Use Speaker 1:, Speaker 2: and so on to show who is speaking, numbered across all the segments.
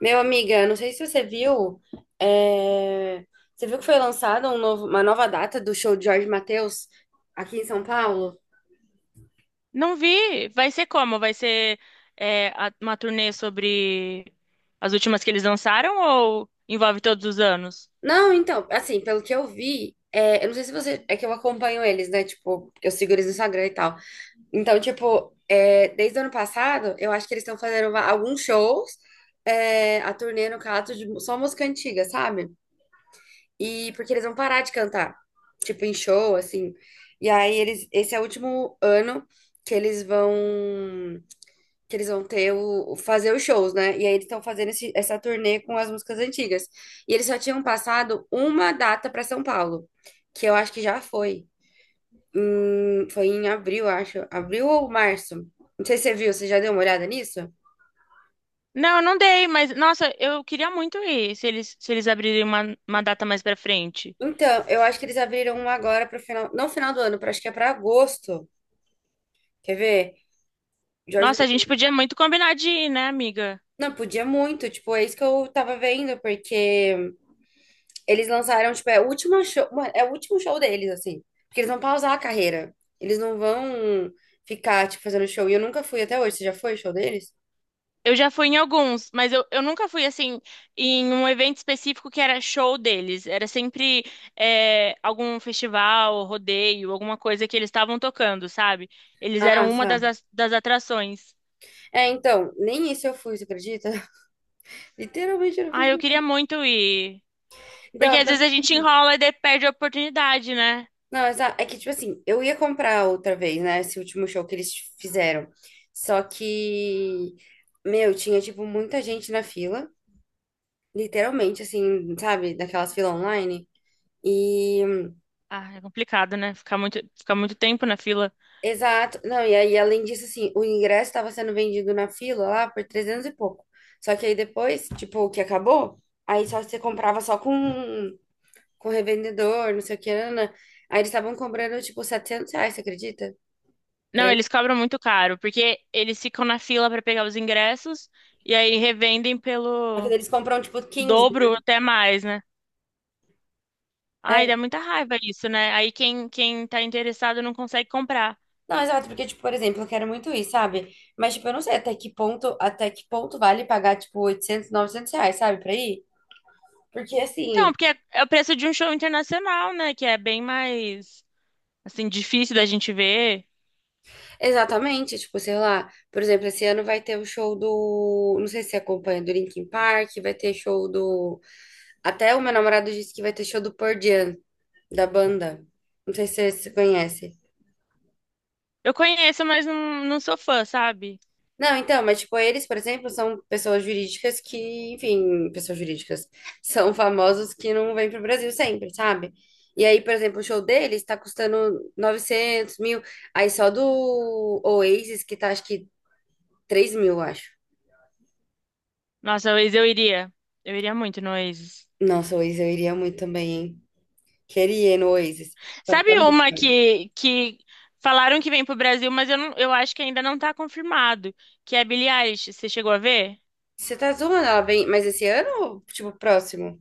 Speaker 1: Meu amiga, não sei se você viu, é, você viu que foi lançada uma nova data do show de Jorge Mateus aqui em São Paulo?
Speaker 2: Não vi. Vai ser como? Vai ser uma turnê sobre as últimas que eles lançaram ou envolve todos os anos?
Speaker 1: Não, então, assim, pelo que eu vi, eu não sei se você, é que eu acompanho eles, né? Tipo, eu sigo eles no Instagram e tal. Então, tipo, desde o ano passado, eu acho que eles estão fazendo alguns shows, a turnê, no caso, de só música antiga, sabe? E porque eles vão parar de cantar, tipo em show, assim. E aí eles, esse é o último ano que eles vão que eles vão fazer os shows, né? E aí eles estão fazendo essa turnê com as músicas antigas. E eles só tinham passado uma data para São Paulo, que eu acho que já foi. Foi em abril, acho. Abril ou março? Não sei se você viu, você já deu uma olhada nisso?
Speaker 2: Não, eu não dei, mas nossa, eu queria muito ir se eles abrirem uma data mais pra frente.
Speaker 1: Então, eu acho que eles abriram uma agora para final, não final do ano, para acho que é para agosto. Quer ver? Jorge.
Speaker 2: Nossa, a gente podia muito combinar de ir, né, amiga?
Speaker 1: Não, podia muito, tipo, é isso que eu tava vendo, porque eles lançaram, tipo, é o último show, mano, é o último show deles, assim, porque eles vão pausar a carreira, eles não vão ficar, tipo, fazendo show, e eu nunca fui até hoje, você já foi ao show deles?
Speaker 2: Eu já fui em alguns, mas eu nunca fui assim em um evento específico que era show deles. Era sempre algum festival, rodeio, alguma coisa que eles estavam tocando, sabe? Eles
Speaker 1: Ah,
Speaker 2: eram uma
Speaker 1: tá.
Speaker 2: das atrações.
Speaker 1: É, então, nem isso eu fui, você acredita? Literalmente eu não
Speaker 2: Ah,
Speaker 1: fiz
Speaker 2: eu queria
Speaker 1: nada.
Speaker 2: muito ir. Porque
Speaker 1: Então, eu
Speaker 2: às vezes
Speaker 1: tava
Speaker 2: a gente
Speaker 1: bem.
Speaker 2: enrola e daí perde a oportunidade, né?
Speaker 1: Não, é que, tipo assim, eu ia comprar outra vez, né, esse último show que eles fizeram, só que, meu, tinha, tipo, muita gente na fila, literalmente, assim, sabe? Daquelas filas online. E,
Speaker 2: Ah, é complicado, né? Ficar muito tempo na fila.
Speaker 1: exato. Não, e aí, além disso, assim, o ingresso estava sendo vendido na fila lá por 300 e pouco. Só que aí depois, tipo, o que acabou, aí só você comprava só com revendedor, não sei o que, nanana. Aí eles estavam cobrando, tipo, R$ 700, você acredita? Por
Speaker 2: Não, eles
Speaker 1: aí.
Speaker 2: cobram muito caro, porque eles ficam na fila para pegar os ingressos e aí revendem
Speaker 1: Só que
Speaker 2: pelo
Speaker 1: daí eles compram, tipo, 15.
Speaker 2: dobro ou até mais, né? Ai, dá
Speaker 1: É.
Speaker 2: muita raiva isso, né? Aí quem tá interessado não consegue comprar.
Speaker 1: Não, exato, porque, tipo, por exemplo, eu quero muito ir, sabe? Mas, tipo, eu não sei até que ponto vale pagar, tipo, 800, 900 reais, sabe, pra ir? Porque,
Speaker 2: Então,
Speaker 1: assim,
Speaker 2: é o preço de um show internacional, né? Que é bem mais, assim, difícil da gente ver.
Speaker 1: exatamente, tipo, sei lá, por exemplo, esse ano vai ter o show do, não sei se você acompanha, do Linkin Park, vai ter show do, até o meu namorado disse que vai ter show do Pearl Jam, da banda, não sei se você conhece.
Speaker 2: Eu conheço, mas não, não sou fã, sabe?
Speaker 1: Não, então, mas tipo, eles, por exemplo, são pessoas jurídicas que, enfim, pessoas jurídicas, são famosos que não vêm pro Brasil sempre, sabe? E aí, por exemplo, o show deles tá custando 900 mil, aí só do Oasis que tá, acho que 3 mil, acho.
Speaker 2: Nossa, Oasis eu iria. Eu iria muito no Oasis.
Speaker 1: Nossa, o Oasis, eu iria muito também, hein? Queria ir no Oasis. Só que tá
Speaker 2: Sabe
Speaker 1: muito
Speaker 2: uma
Speaker 1: ruim.
Speaker 2: que falaram que vem pro Brasil, eu acho que ainda não tá confirmado, que é a Billie Eilish. Você chegou a ver?
Speaker 1: Você tá zoando ela bem, mas esse ano ou, tipo, próximo?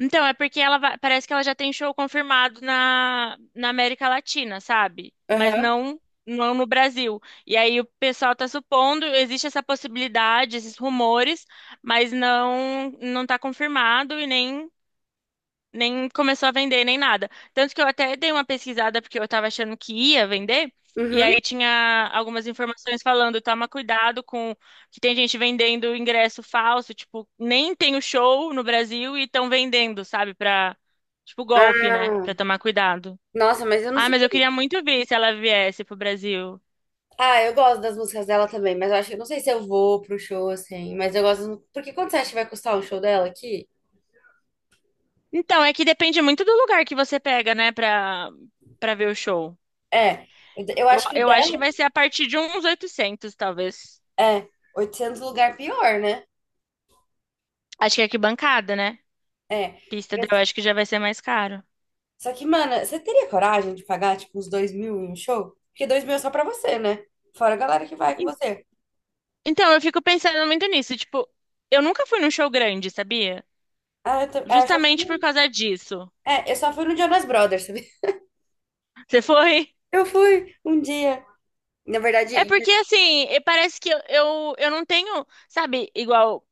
Speaker 2: Então, é porque parece que ela já tem show confirmado na América Latina, sabe? Mas
Speaker 1: Aham.
Speaker 2: não, não no Brasil. E aí o pessoal tá supondo, existe essa possibilidade, esses rumores, mas não tá confirmado e nem começou a vender nem nada. Tanto que eu até dei uma pesquisada porque eu tava achando que ia vender. E
Speaker 1: Uhum.
Speaker 2: aí tinha algumas informações falando, toma cuidado com que tem gente vendendo ingresso falso, tipo, nem tem o show no Brasil e estão vendendo, sabe, pra, tipo, golpe, né?
Speaker 1: Ah,
Speaker 2: Pra tomar cuidado.
Speaker 1: nossa, mas eu não
Speaker 2: Ah,
Speaker 1: sei.
Speaker 2: mas eu queria muito ver se ela viesse pro Brasil.
Speaker 1: Ah, eu gosto das músicas dela também, mas eu acho que eu não sei se eu vou pro show, assim. Mas eu gosto. Porque quanto você acha que vai custar um show dela aqui?
Speaker 2: Então, é que depende muito do lugar que você pega, né, pra, pra ver o show.
Speaker 1: É, eu
Speaker 2: Eu,
Speaker 1: acho que o
Speaker 2: eu acho que
Speaker 1: dela
Speaker 2: vai ser a partir de uns 800 talvez.
Speaker 1: é 800 lugar pior, né?
Speaker 2: Acho que é arquibancada, né?
Speaker 1: É.
Speaker 2: Pista, eu
Speaker 1: Mas.
Speaker 2: acho que já vai ser mais caro.
Speaker 1: Só que, mano, você teria coragem de pagar, tipo, uns 2 mil em um show? Porque 2 mil é só pra você, né? Fora a galera que vai com
Speaker 2: E-
Speaker 1: você.
Speaker 2: Então, eu fico pensando muito nisso. Tipo, eu nunca fui num show grande, sabia?
Speaker 1: Ah, eu, eu só fui,
Speaker 2: Justamente por causa disso.
Speaker 1: eu só fui no Jonas Brothers, sabe?
Speaker 2: Você foi?
Speaker 1: Eu fui um dia. Na verdade,
Speaker 2: É porque, assim, parece que eu não tenho, sabe, igual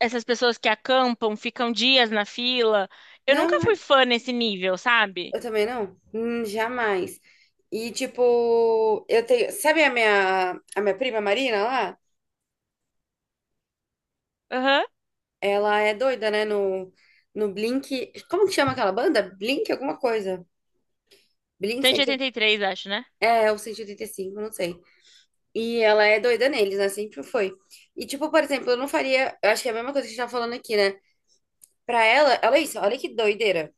Speaker 2: essas pessoas que acampam, ficam dias na fila. Eu nunca
Speaker 1: não,
Speaker 2: fui fã nesse nível, sabe?
Speaker 1: eu também não. Jamais. E, tipo, eu tenho. Sabe a minha, prima Marina lá?
Speaker 2: Aham.
Speaker 1: Ela é doida, né? No, no Blink. Como que chama aquela banda? Blink alguma coisa. Blink 180.
Speaker 2: 183, acho, né?
Speaker 1: É, o 185 não sei. E ela é doida neles, né? Sempre foi. E, tipo, por exemplo, eu não faria. Eu acho que é a mesma coisa que a gente tá falando aqui, né? Pra ela, olha isso, olha que doideira.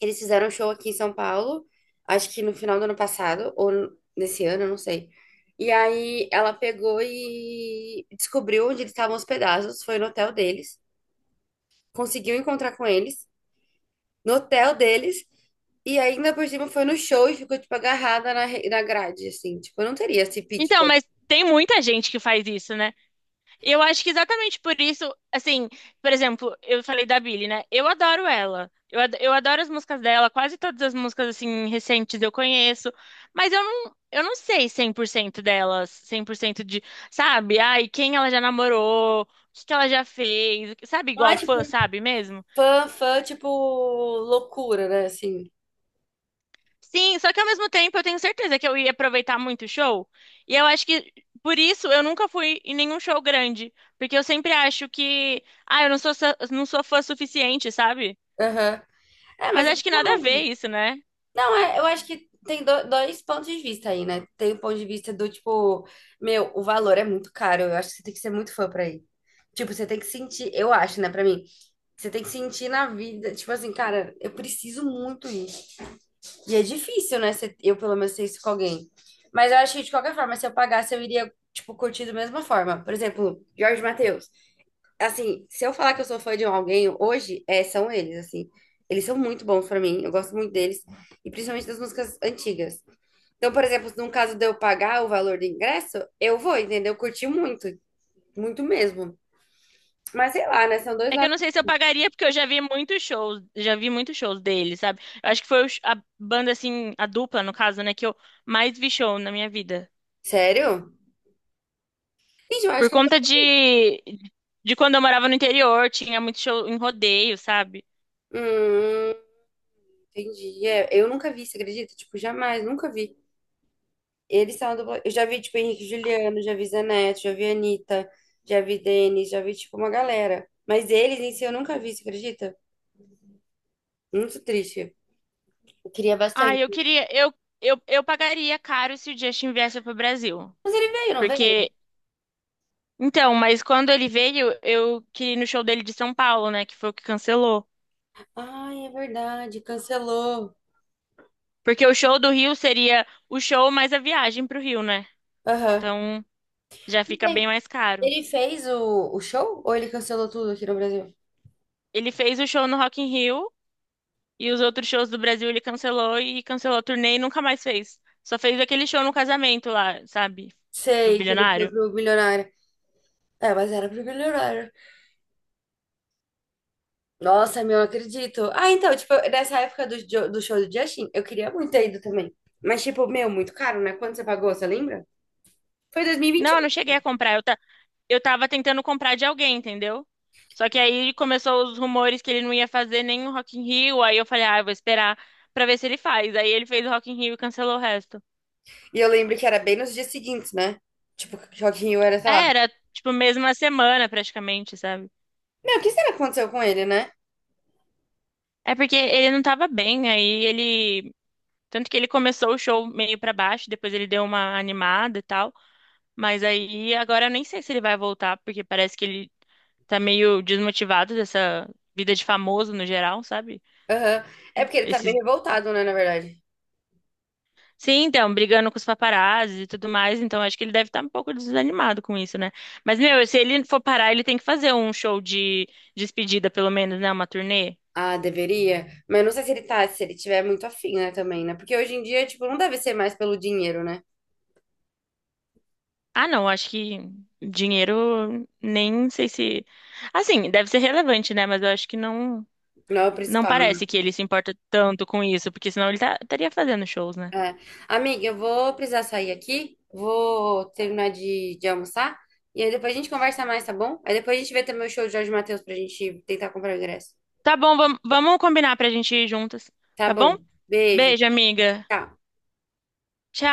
Speaker 1: Eles fizeram um show aqui em São Paulo, acho que no final do ano passado, ou nesse ano, eu não sei. E aí ela pegou e descobriu onde eles estavam hospedados, foi no hotel deles, conseguiu encontrar com eles, no hotel deles, e ainda por cima foi no show e ficou, tipo, agarrada na grade, assim. Tipo, eu não teria esse pique
Speaker 2: Então,
Speaker 1: todo.
Speaker 2: mas tem muita gente que faz isso, né? Eu acho que exatamente por isso, assim, por exemplo, eu falei da Billie, né? Eu adoro ela. Eu adoro as músicas dela, quase todas as músicas, assim, recentes eu conheço. Mas eu não sei 100% delas, 100% de, sabe? Ai, quem ela já namorou, o que que ela já fez, sabe?
Speaker 1: Não
Speaker 2: Igual
Speaker 1: é, tipo,
Speaker 2: fã, sabe mesmo?
Speaker 1: fã, fã, tipo, loucura, né, assim.
Speaker 2: Sim, só que ao mesmo tempo eu tenho certeza que eu ia aproveitar muito o show. E eu acho que por isso eu nunca fui em nenhum show grande, porque eu sempre acho que, ah, eu não sou sa- não sou fã suficiente, sabe?
Speaker 1: Aham. É,
Speaker 2: Mas
Speaker 1: mas é
Speaker 2: acho que nada a ver
Speaker 1: legal.
Speaker 2: isso, né?
Speaker 1: Não, é, eu acho que tem dois pontos de vista aí, né? Tem o ponto de vista do tipo, meu, o valor é muito caro. Eu acho que você tem que ser muito fã pra ir. Tipo, você tem que sentir, eu acho, né, pra mim, você tem que sentir na vida, tipo assim, cara, eu preciso muito ir. E é difícil, né? Eu pelo menos sei isso com alguém. Mas eu acho que de qualquer forma, se eu pagasse, eu iria, tipo, curtir da mesma forma. Por exemplo, Jorge Mateus assim, se eu falar que eu sou fã de alguém hoje, são eles, assim. Eles são muito bons pra mim, eu gosto muito deles, e principalmente das músicas antigas. Então, por exemplo, no caso de eu pagar o valor do ingresso, eu vou, entendeu? Curti muito, muito mesmo. Mas sei lá, né? São dois
Speaker 2: É que eu
Speaker 1: lados.
Speaker 2: não sei se eu pagaria porque eu já vi muitos shows, já vi muitos shows dele, sabe? Eu acho que foi a banda assim, a dupla no caso, né, que eu mais vi show na minha vida.
Speaker 1: Sério? Gente, eu acho
Speaker 2: Por
Speaker 1: que eu
Speaker 2: conta
Speaker 1: tô.
Speaker 2: de quando eu morava no interior, tinha muito show em rodeio, sabe?
Speaker 1: Hum, entendi. É, eu nunca vi, você acredita? Tipo, jamais, nunca vi. Eles são uma dupla. Eu já vi, tipo, Henrique e Juliano, já vi Zanetti, já vi Anitta, já vi Denis, já vi, tipo, uma galera. Mas eles em si eu nunca vi, você acredita? Muito triste. Eu queria
Speaker 2: Ah,
Speaker 1: bastante.
Speaker 2: eu queria, eu pagaria caro se o Justin viesse pro Brasil.
Speaker 1: Mas ele veio, não veio?
Speaker 2: Porque, mas quando ele veio, eu queria ir no show dele de São Paulo, né? Que foi o que cancelou.
Speaker 1: Ai, é verdade, cancelou.
Speaker 2: Porque o show do Rio seria o show mais a viagem pro Rio, né?
Speaker 1: Aham.
Speaker 2: Então, já
Speaker 1: Não
Speaker 2: fica bem
Speaker 1: sei.
Speaker 2: mais caro.
Speaker 1: Ele fez o show ou ele cancelou tudo aqui no Brasil?
Speaker 2: Ele fez o show no Rock in Rio e os outros shows do Brasil ele cancelou e cancelou a turnê e nunca mais fez. Só fez aquele show no casamento lá, sabe?
Speaker 1: Sei
Speaker 2: Do
Speaker 1: que ele foi
Speaker 2: bilionário.
Speaker 1: pro Milionário. É, mas era pro Milionário. Nossa, meu, eu acredito. Ah, então, tipo, nessa época do show do Justin, eu queria muito ter ido também. Mas, tipo, meu, muito caro, né? Quanto você pagou, você lembra? Foi
Speaker 2: Não,
Speaker 1: 2021.
Speaker 2: eu não
Speaker 1: E
Speaker 2: cheguei
Speaker 1: vinte
Speaker 2: a comprar. Eu tava tentando comprar de alguém, entendeu? Só que aí começou os rumores que ele não ia fazer nem o Rock in Rio, aí eu falei, ah, eu vou esperar pra ver se ele faz. Aí ele fez o Rock in Rio e cancelou o resto.
Speaker 1: e um. E eu lembro que era bem nos dias seguintes, né? Tipo, Joaquim Rio era, sei lá.
Speaker 2: É, era, tipo, mesma semana praticamente, sabe?
Speaker 1: Meu, o que será que aconteceu com ele, né?
Speaker 2: É porque ele não tava bem, aí ele... Tanto que ele começou o show meio pra baixo, depois ele deu uma animada e tal. Mas aí, agora eu nem sei se ele vai voltar, porque parece que ele tá meio desmotivado dessa vida de famoso no geral, sabe?
Speaker 1: Aham. É porque ele tá bem
Speaker 2: Esses
Speaker 1: revoltado, né, na verdade.
Speaker 2: Sim, então, brigando com os paparazzi e tudo mais, então acho que ele deve estar um pouco desanimado com isso, né? Mas, meu, se ele for parar, ele tem que fazer um show de despedida, pelo menos, né? Uma turnê.
Speaker 1: Ah, deveria. Mas eu não sei se ele tá, se ele tiver muito afim, né, também, né? Porque hoje em dia, tipo, não deve ser mais pelo dinheiro, né?
Speaker 2: Ah, não, acho que dinheiro, nem sei se. Assim, deve ser relevante, né? Mas eu acho que não,
Speaker 1: Não é o
Speaker 2: não
Speaker 1: principal, né?
Speaker 2: parece que ele se importa tanto com isso, porque senão estaria fazendo shows, né?
Speaker 1: É. Amiga, eu vou precisar sair aqui, vou terminar de almoçar, e aí depois a gente conversa mais, tá bom? Aí depois a gente vê também o show do Jorge Mateus pra gente tentar comprar o ingresso.
Speaker 2: Tá bom, vamos, vamos combinar pra gente ir juntas,
Speaker 1: Tá
Speaker 2: tá bom?
Speaker 1: bom. Beijo.
Speaker 2: Beijo, amiga.
Speaker 1: Tchau.
Speaker 2: Tchau.